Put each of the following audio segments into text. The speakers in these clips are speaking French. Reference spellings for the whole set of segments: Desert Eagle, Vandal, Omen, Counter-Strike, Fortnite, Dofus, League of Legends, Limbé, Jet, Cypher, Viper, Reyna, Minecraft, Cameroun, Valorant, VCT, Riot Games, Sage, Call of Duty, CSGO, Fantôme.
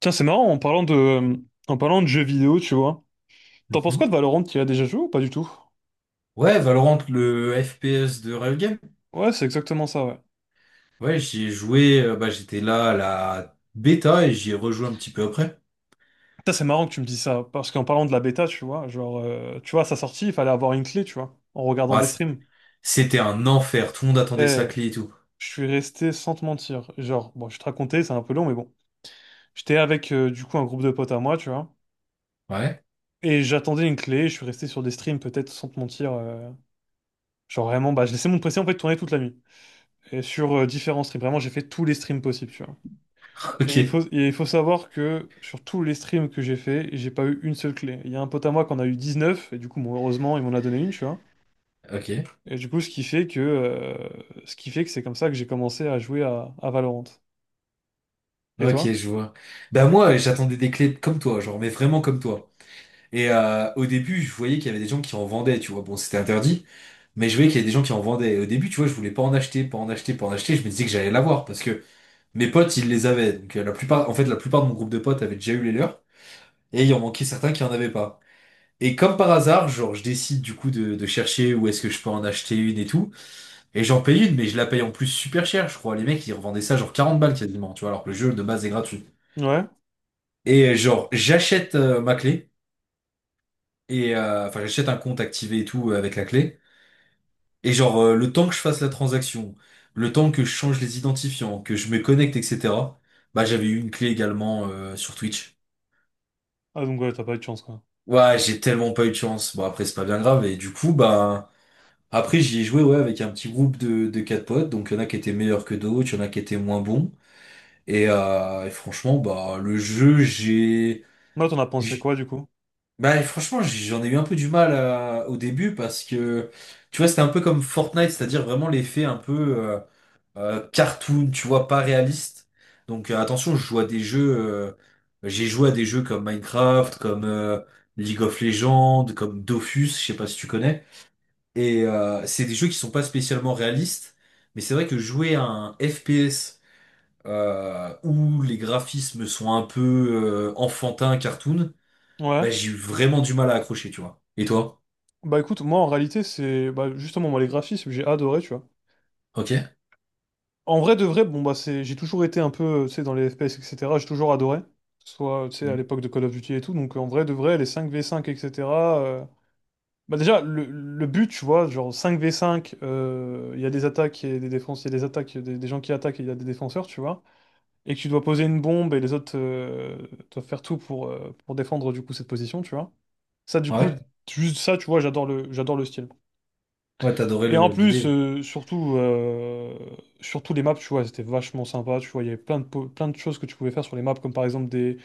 Tiens, c'est marrant, en parlant de jeux vidéo, tu vois. T'en penses quoi Mhm. de Valorant? Tu y as déjà joué ou pas du tout? Ouais, Valorant, le FPS de Riot Games. Ouais, c'est exactement ça, ouais. Ouais, j'y ai joué, bah, j'étais là à la bêta et j'y ai rejoué un petit peu après. Putain, c'est marrant que tu me dis ça, parce qu'en parlant de la bêta, tu vois, genre, tu vois, à sa sortie, il fallait avoir une clé, tu vois, en regardant Ouais, des streams. c'était un enfer, tout le monde attendait Et sa clé et tout. je suis resté sans te mentir. Genre, bon, je vais te raconter, c'est un peu long, mais bon. J'étais avec, du coup, un groupe de potes à moi, tu vois, Ouais, et j'attendais une clé, je suis resté sur des streams, peut-être, sans te mentir. Genre, vraiment, bah, je laissais mon PC, en fait, tourner toute la nuit. Et sur différents streams, vraiment, j'ai fait tous les streams possibles, tu vois. Ok, Et il faut savoir que sur tous les streams que j'ai fait, j'ai pas eu une seule clé. Il y a un pote à moi qu'on a eu 19 et du coup, bon, heureusement, il m'en a donné une, tu vois. ok, Et du coup, ce qui fait que, ce qui fait que c'est comme ça que j'ai commencé à jouer à Valorant. Et ok, toi? je vois. Bah moi, j'attendais des clés comme toi, genre, mais vraiment comme toi. Et au début, je voyais qu'il y avait des gens qui en vendaient, tu vois. Bon, c'était interdit, mais je voyais qu'il y avait des gens qui en vendaient. Et au début, tu vois, je voulais pas en acheter, pas en acheter, pas en acheter. Je me disais que j'allais l'avoir parce que mes potes, ils les avaient. Donc la plupart, en fait, la plupart de mon groupe de potes avait déjà eu les leurs. Et il en manquait certains qui en avaient pas. Et comme par hasard, genre, je décide du coup de chercher où est-ce que je peux en acheter une et tout. Et j'en paye une, mais je la paye en plus super cher, je crois. Les mecs, ils revendaient ça genre 40 balles quasiment, tu vois, alors que le jeu de base est gratuit. Ouais? Et genre, j'achète ma clé, et enfin, j'achète un compte activé et tout avec la clé. Et genre, le temps que je fasse la transaction, le temps que je change les identifiants, que je me connecte, etc., bah, j'avais eu une clé également sur Twitch. Ah, donc ouais, t'as pas eu de chance, quoi. Ouais, j'ai tellement pas eu de chance. Bon, après, c'est pas bien grave. Et du coup, bah. Après, j'y ai joué ouais, avec un petit groupe de 4 potes, donc il y en a qui étaient meilleurs que d'autres, il y en a qui étaient moins bons. Et franchement, bah le jeu, j'ai. Là, t'en as pensé j'- quoi, du coup? Bah franchement, j'en ai eu un peu du mal au début parce que tu vois, c'était un peu comme Fortnite, c'est-à-dire vraiment l'effet un peu cartoon, tu vois, pas réaliste. Donc attention, je joue à des jeux. J'ai joué à des jeux comme Minecraft, comme League of Legends, comme Dofus, je sais pas si tu connais. Et c'est des jeux qui sont pas spécialement réalistes, mais c'est vrai que jouer à un FPS où les graphismes sont un peu enfantins, cartoon, bah Ouais. j'ai eu vraiment du mal à accrocher, tu vois. Et toi? Bah écoute, moi, en réalité, c'est bah, justement, moi, les graphismes, j'ai adoré, tu vois. Ok. En vrai de vrai, bon bah c'est, j'ai toujours été un peu, tu sais, dans les FPS, etc. J'ai toujours adoré, que ce soit, tu sais, à Mm. l'époque de Call of Duty et tout. Donc en vrai de vrai, les 5v5, etc. euh, Bah déjà, le but, tu vois, genre 5v5, il y a des attaques et des défenses, il y a des attaques, il y a des gens qui attaquent et il y a des défenseurs, tu vois. Et que tu dois poser une bombe et les autres doivent faire tout pour défendre du coup cette position, tu vois. Ça, du coup, Ouais. juste ça, tu vois, j'adore le style. Ouais, t'adorais Et en plus, l'idée. surtout les maps, tu vois, c'était vachement sympa, tu vois, il y avait plein de choses que tu pouvais faire sur les maps, comme par exemple des,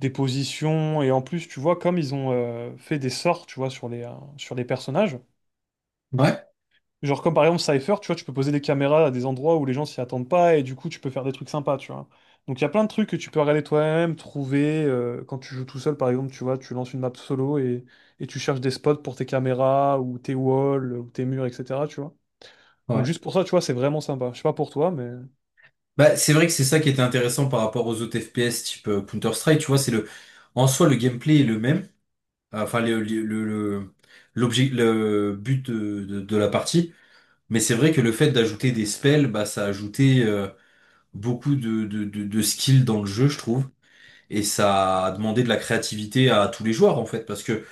des positions, et en plus, tu vois, comme ils ont fait des sorts, tu vois, sur les personnages, Ouais. genre comme par exemple Cypher, tu vois, tu peux poser des caméras à des endroits où les gens s'y attendent pas, et du coup, tu peux faire des trucs sympas, tu vois. Donc il y a plein de trucs que tu peux regarder toi-même, trouver, quand tu joues tout seul, par exemple, tu vois, tu lances une map solo, et tu cherches des spots pour tes caméras, ou tes walls, ou tes murs, etc., tu vois. Donc Ouais. juste pour ça, tu vois, c'est vraiment sympa. Je sais pas pour toi, mais. Bah c'est vrai que c'est ça qui était intéressant par rapport aux autres FPS type Counter-Strike, tu vois, c'est le en soi le gameplay est le même, enfin l'objet le but de la partie. Mais c'est vrai que le fait d'ajouter des spells, bah, ça a ajouté beaucoup de skills dans le jeu, je trouve. Et ça a demandé de la créativité à tous les joueurs, en fait, parce que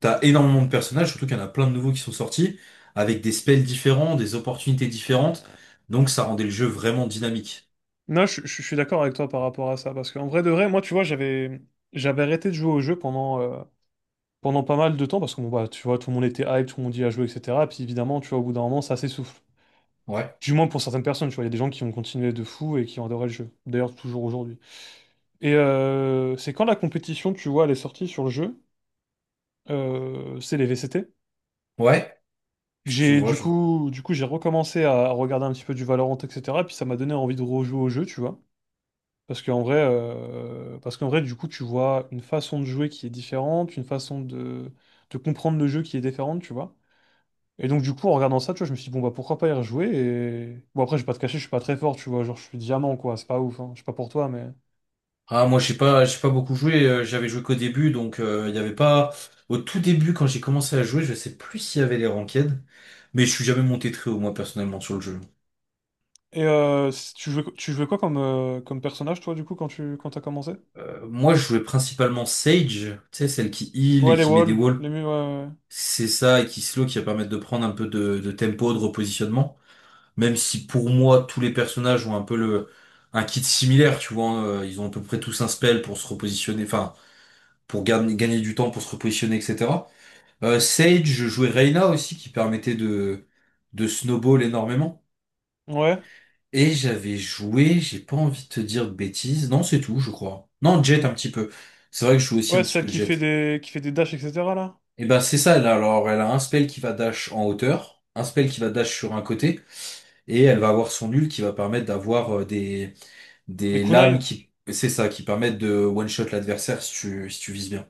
t'as énormément de personnages, surtout qu'il y en a plein de nouveaux qui sont sortis, avec des spells différents, des opportunités différentes. Donc ça rendait le jeu vraiment dynamique. Non, je suis d'accord avec toi par rapport à ça, parce qu'en vrai de vrai, moi, tu vois, j'avais arrêté de jouer au jeu pendant pas mal de temps, parce que, bon, bah, tu vois, tout le monde était hype, tout le monde y a joué, etc. Et puis évidemment, tu vois, au bout d'un moment, ça s'essouffle. Ouais, Du moins pour certaines personnes, tu vois, il y a des gens qui ont continué de fou et qui ont adoré le jeu. D'ailleurs, toujours aujourd'hui. C'est quand la compétition, tu vois, elle est sortie sur le jeu, c'est les VCT. Que ouais, je J'ai vois, je vois. Du coup, j'ai recommencé à regarder un petit peu du Valorant, etc. Puis ça m'a donné envie de rejouer au jeu, tu vois. Parce qu'en vrai, du coup, tu vois une façon de jouer qui est différente, une façon de comprendre le jeu qui est différente, tu vois. Et donc, du coup, en regardant ça, tu vois, je me suis dit, bon, bah, pourquoi pas y rejouer? Et bon, après, je vais pas te cacher, je suis pas très fort, tu vois. Genre, je suis diamant, quoi. C'est pas ouf, hein. Je sais pas pour toi, mais. Ah, moi, j'ai pas beaucoup joué, j'avais joué qu'au début, donc il y avait pas. Au tout début, quand j'ai commencé à jouer, je sais plus s'il y avait les ranked, mais je suis jamais monté très haut, moi, personnellement, sur le jeu. Tu jouais quoi comme personnage, toi, du coup, quand t'as commencé? Moi, je jouais principalement Sage, tu sais, celle qui heal Ouais, et les qui met des walls, walls. les murs, ouais. C'est ça, et qui slow, qui va permettre de prendre un peu de tempo, de repositionnement. Même si pour moi, tous les personnages ont un peu le, un kit similaire, tu vois. Hein, ils ont à peu près tous un spell pour se repositionner, enfin, pour gagner du temps, pour se repositionner, etc. Sage, je jouais Reyna aussi, qui permettait de snowball énormément. Ouais, ouais. Et j'avais joué, j'ai pas envie de te dire de bêtises. Non, c'est tout, je crois. Non, Jet un petit peu. C'est vrai que je joue aussi un Ouais, petit celle peu qui fait Jet. des, qui fait des dashs, etc., là. Et ben c'est ça, alors elle a un spell qui va dash en hauteur, un spell qui va dash sur un côté, et elle va avoir son nul qui va permettre d'avoir Des des lames kunai. qui, c'est ça, qui permettent de one-shot l'adversaire si si tu vises bien.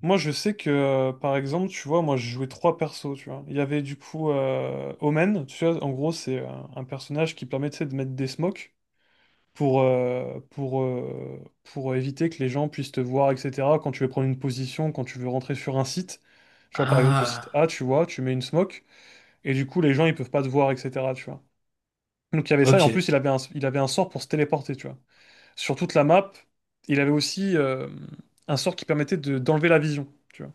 Moi, je sais que, par exemple, tu vois, moi, je jouais trois persos, tu vois. Il y avait du coup Omen, tu vois, en gros, c'est un personnage qui permet, tu sais, de mettre des smokes pour éviter que les gens puissent te voir, etc. Quand tu veux prendre une position, quand tu veux rentrer sur un site, tu vois, par exemple, le site A, Ah, tu vois, tu mets une smoke, et du coup, les gens, ils peuvent pas te voir, etc., tu vois. Donc, il y avait ça, et en ok. plus, il avait un sort pour se téléporter, tu vois. Sur toute la map, il avait aussi un sort qui permettait de, d'enlever la vision, tu vois.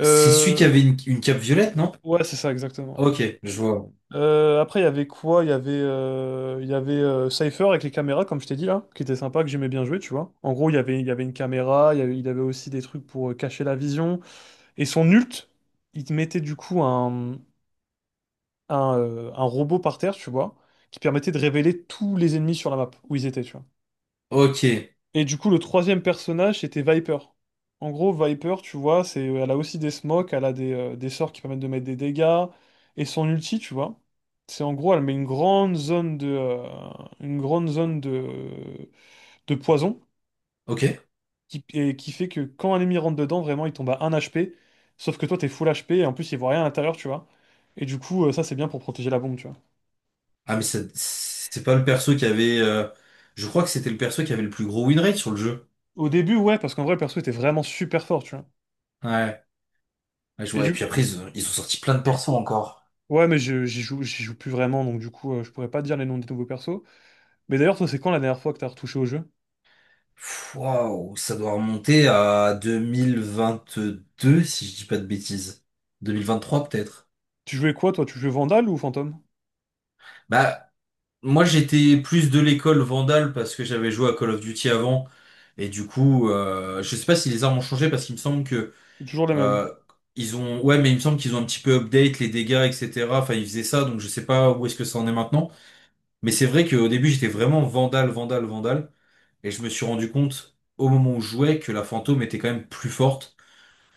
C'est celui qui Euh, avait une cape violette, non? Ouais, c'est ça, exactement, ouais. Ok, je vois. Après, il y avait quoi? Il y avait Cypher avec les caméras, comme je t'ai dit là, qui était sympa, que j'aimais bien jouer, tu vois. En gros, il y avait une caméra, il avait aussi des trucs pour cacher la vision. Et son ult, il te mettait du coup un robot par terre, tu vois, qui permettait de révéler tous les ennemis sur la map, où ils étaient, tu vois. Ok, Et du coup, le troisième personnage, c'était Viper. En gros, Viper, tu vois, c'est, elle a aussi des smokes, elle a des sorts qui permettent de mettre des dégâts. Et son ulti, tu vois, c'est en gros, elle met une grande zone de poison ok. Et qui fait que quand un ennemi rentre dedans, vraiment, il tombe à 1 HP. Sauf que toi, t'es full HP et en plus, il voit rien à l'intérieur, tu vois. Et du coup, ça, c'est bien pour protéger la bombe, tu vois. Ah mais c'est pas le perso qui avait, je crois que c'était le perso qui avait le plus gros win rate sur le jeu. Au début, ouais, parce qu'en vrai, le perso était vraiment super fort, tu vois. Ouais, ouais, je Et vois. Et du, puis après, ils ont sorti plein de persos encore. Ouais, mais j'y joue plus vraiment, donc du coup, je pourrais pas te dire les noms des nouveaux persos. Mais d'ailleurs, toi, c'est quand la dernière fois que t'as retouché au jeu? Pff, waouh, ça doit remonter à 2022 si je dis pas de bêtises. 2023 peut-être. Tu jouais quoi, toi? Tu jouais Vandal ou Fantôme? Bah, moi j'étais plus de l'école Vandal parce que j'avais joué à Call of Duty avant. Et du coup, je sais pas si les armes ont changé parce qu'il me semble que C'est toujours les mêmes. euh, ils ont. Ouais, mais il me semble qu'ils ont un petit peu update les dégâts, etc. Enfin, ils faisaient ça, donc je sais pas où est-ce que ça en est maintenant. Mais c'est vrai qu'au début, j'étais vraiment Vandal, Vandal, Vandal. Et je me suis rendu compte au moment où je jouais que la fantôme était quand même plus forte,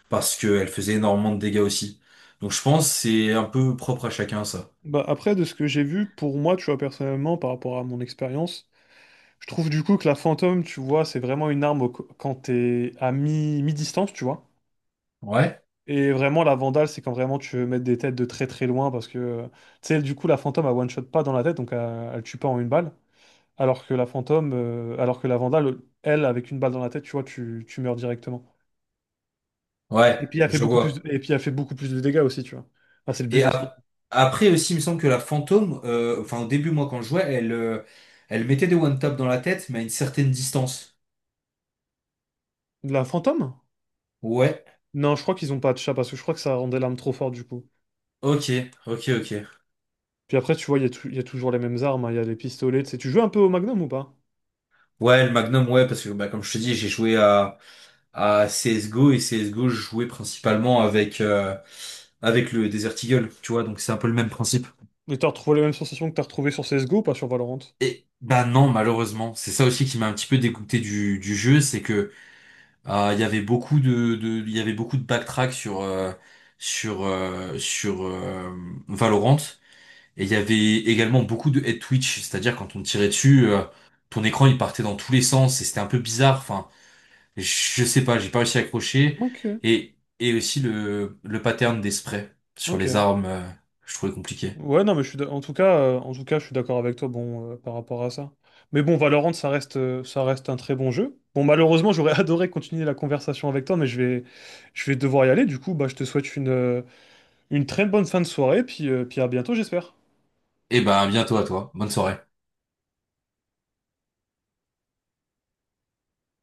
parce qu'elle faisait énormément de dégâts aussi. Donc je pense que c'est un peu propre à chacun ça. Bah, après, de ce que j'ai vu, pour moi, tu vois, personnellement, par rapport à mon expérience, je trouve du coup que la Fantôme, tu vois, c'est vraiment une arme quand t'es à mi-distance, tu vois. Ouais, Et vraiment, la Vandal, c'est quand vraiment tu veux mettre des têtes de très très loin, parce que, tu sais, du coup, la Fantôme, elle one-shot pas dans la tête, donc elle tue pas en une balle. Alors que la Vandale, elle, avec une balle dans la tête, tu vois, tu meurs directement. ouais, Et puis elle fait je beaucoup plus, vois. et puis elle fait beaucoup plus de dégâts aussi, tu vois. Ah, c'est le Et but aussi. Après aussi, il me semble que la fantôme, enfin au début moi quand je jouais, elle, elle mettait des one tap dans la tête, mais à une certaine distance. De la fantôme? Ouais, Non, je crois qu'ils ont pas de chat parce que je crois que ça rendait l'arme trop forte du coup. ok, ok. Puis après, tu vois, il y a toujours les mêmes armes, hein, il y a les pistolets, tu sais. Tu joues un peu au Magnum ou pas? Ouais, le Magnum, ouais, parce que bah, comme je te dis, j'ai joué à CSGO et CSGO, je jouais principalement avec, avec le Desert Eagle, tu vois, donc c'est un peu le même principe. Et t'as retrouvé les mêmes sensations que t'as retrouvées sur CSGO, pas sur Valorant? Et bah non, malheureusement, c'est ça aussi qui m'a un petit peu dégoûté du jeu, c'est que il y avait beaucoup de il y avait beaucoup de backtrack sur sur euh, sur euh, Valorant et il y avait également beaucoup de head twitch, c'est-à-dire quand on tirait dessus, ton écran il partait dans tous les sens et c'était un peu bizarre. Enfin, je sais pas, j'ai pas réussi à accrocher Ok, et aussi le pattern des sprays sur les ok. armes, je trouvais compliqué. Ouais, non, mais je suis en tout cas, je suis d'accord avec toi, bon, par rapport à ça. Mais bon, Valorant, ça reste un très bon jeu. Bon, malheureusement, j'aurais adoré continuer la conversation avec toi, mais je vais devoir y aller. Du coup, bah, je te souhaite une très bonne fin de soirée, puis à bientôt, j'espère. Et bah à bientôt à toi, bonne soirée.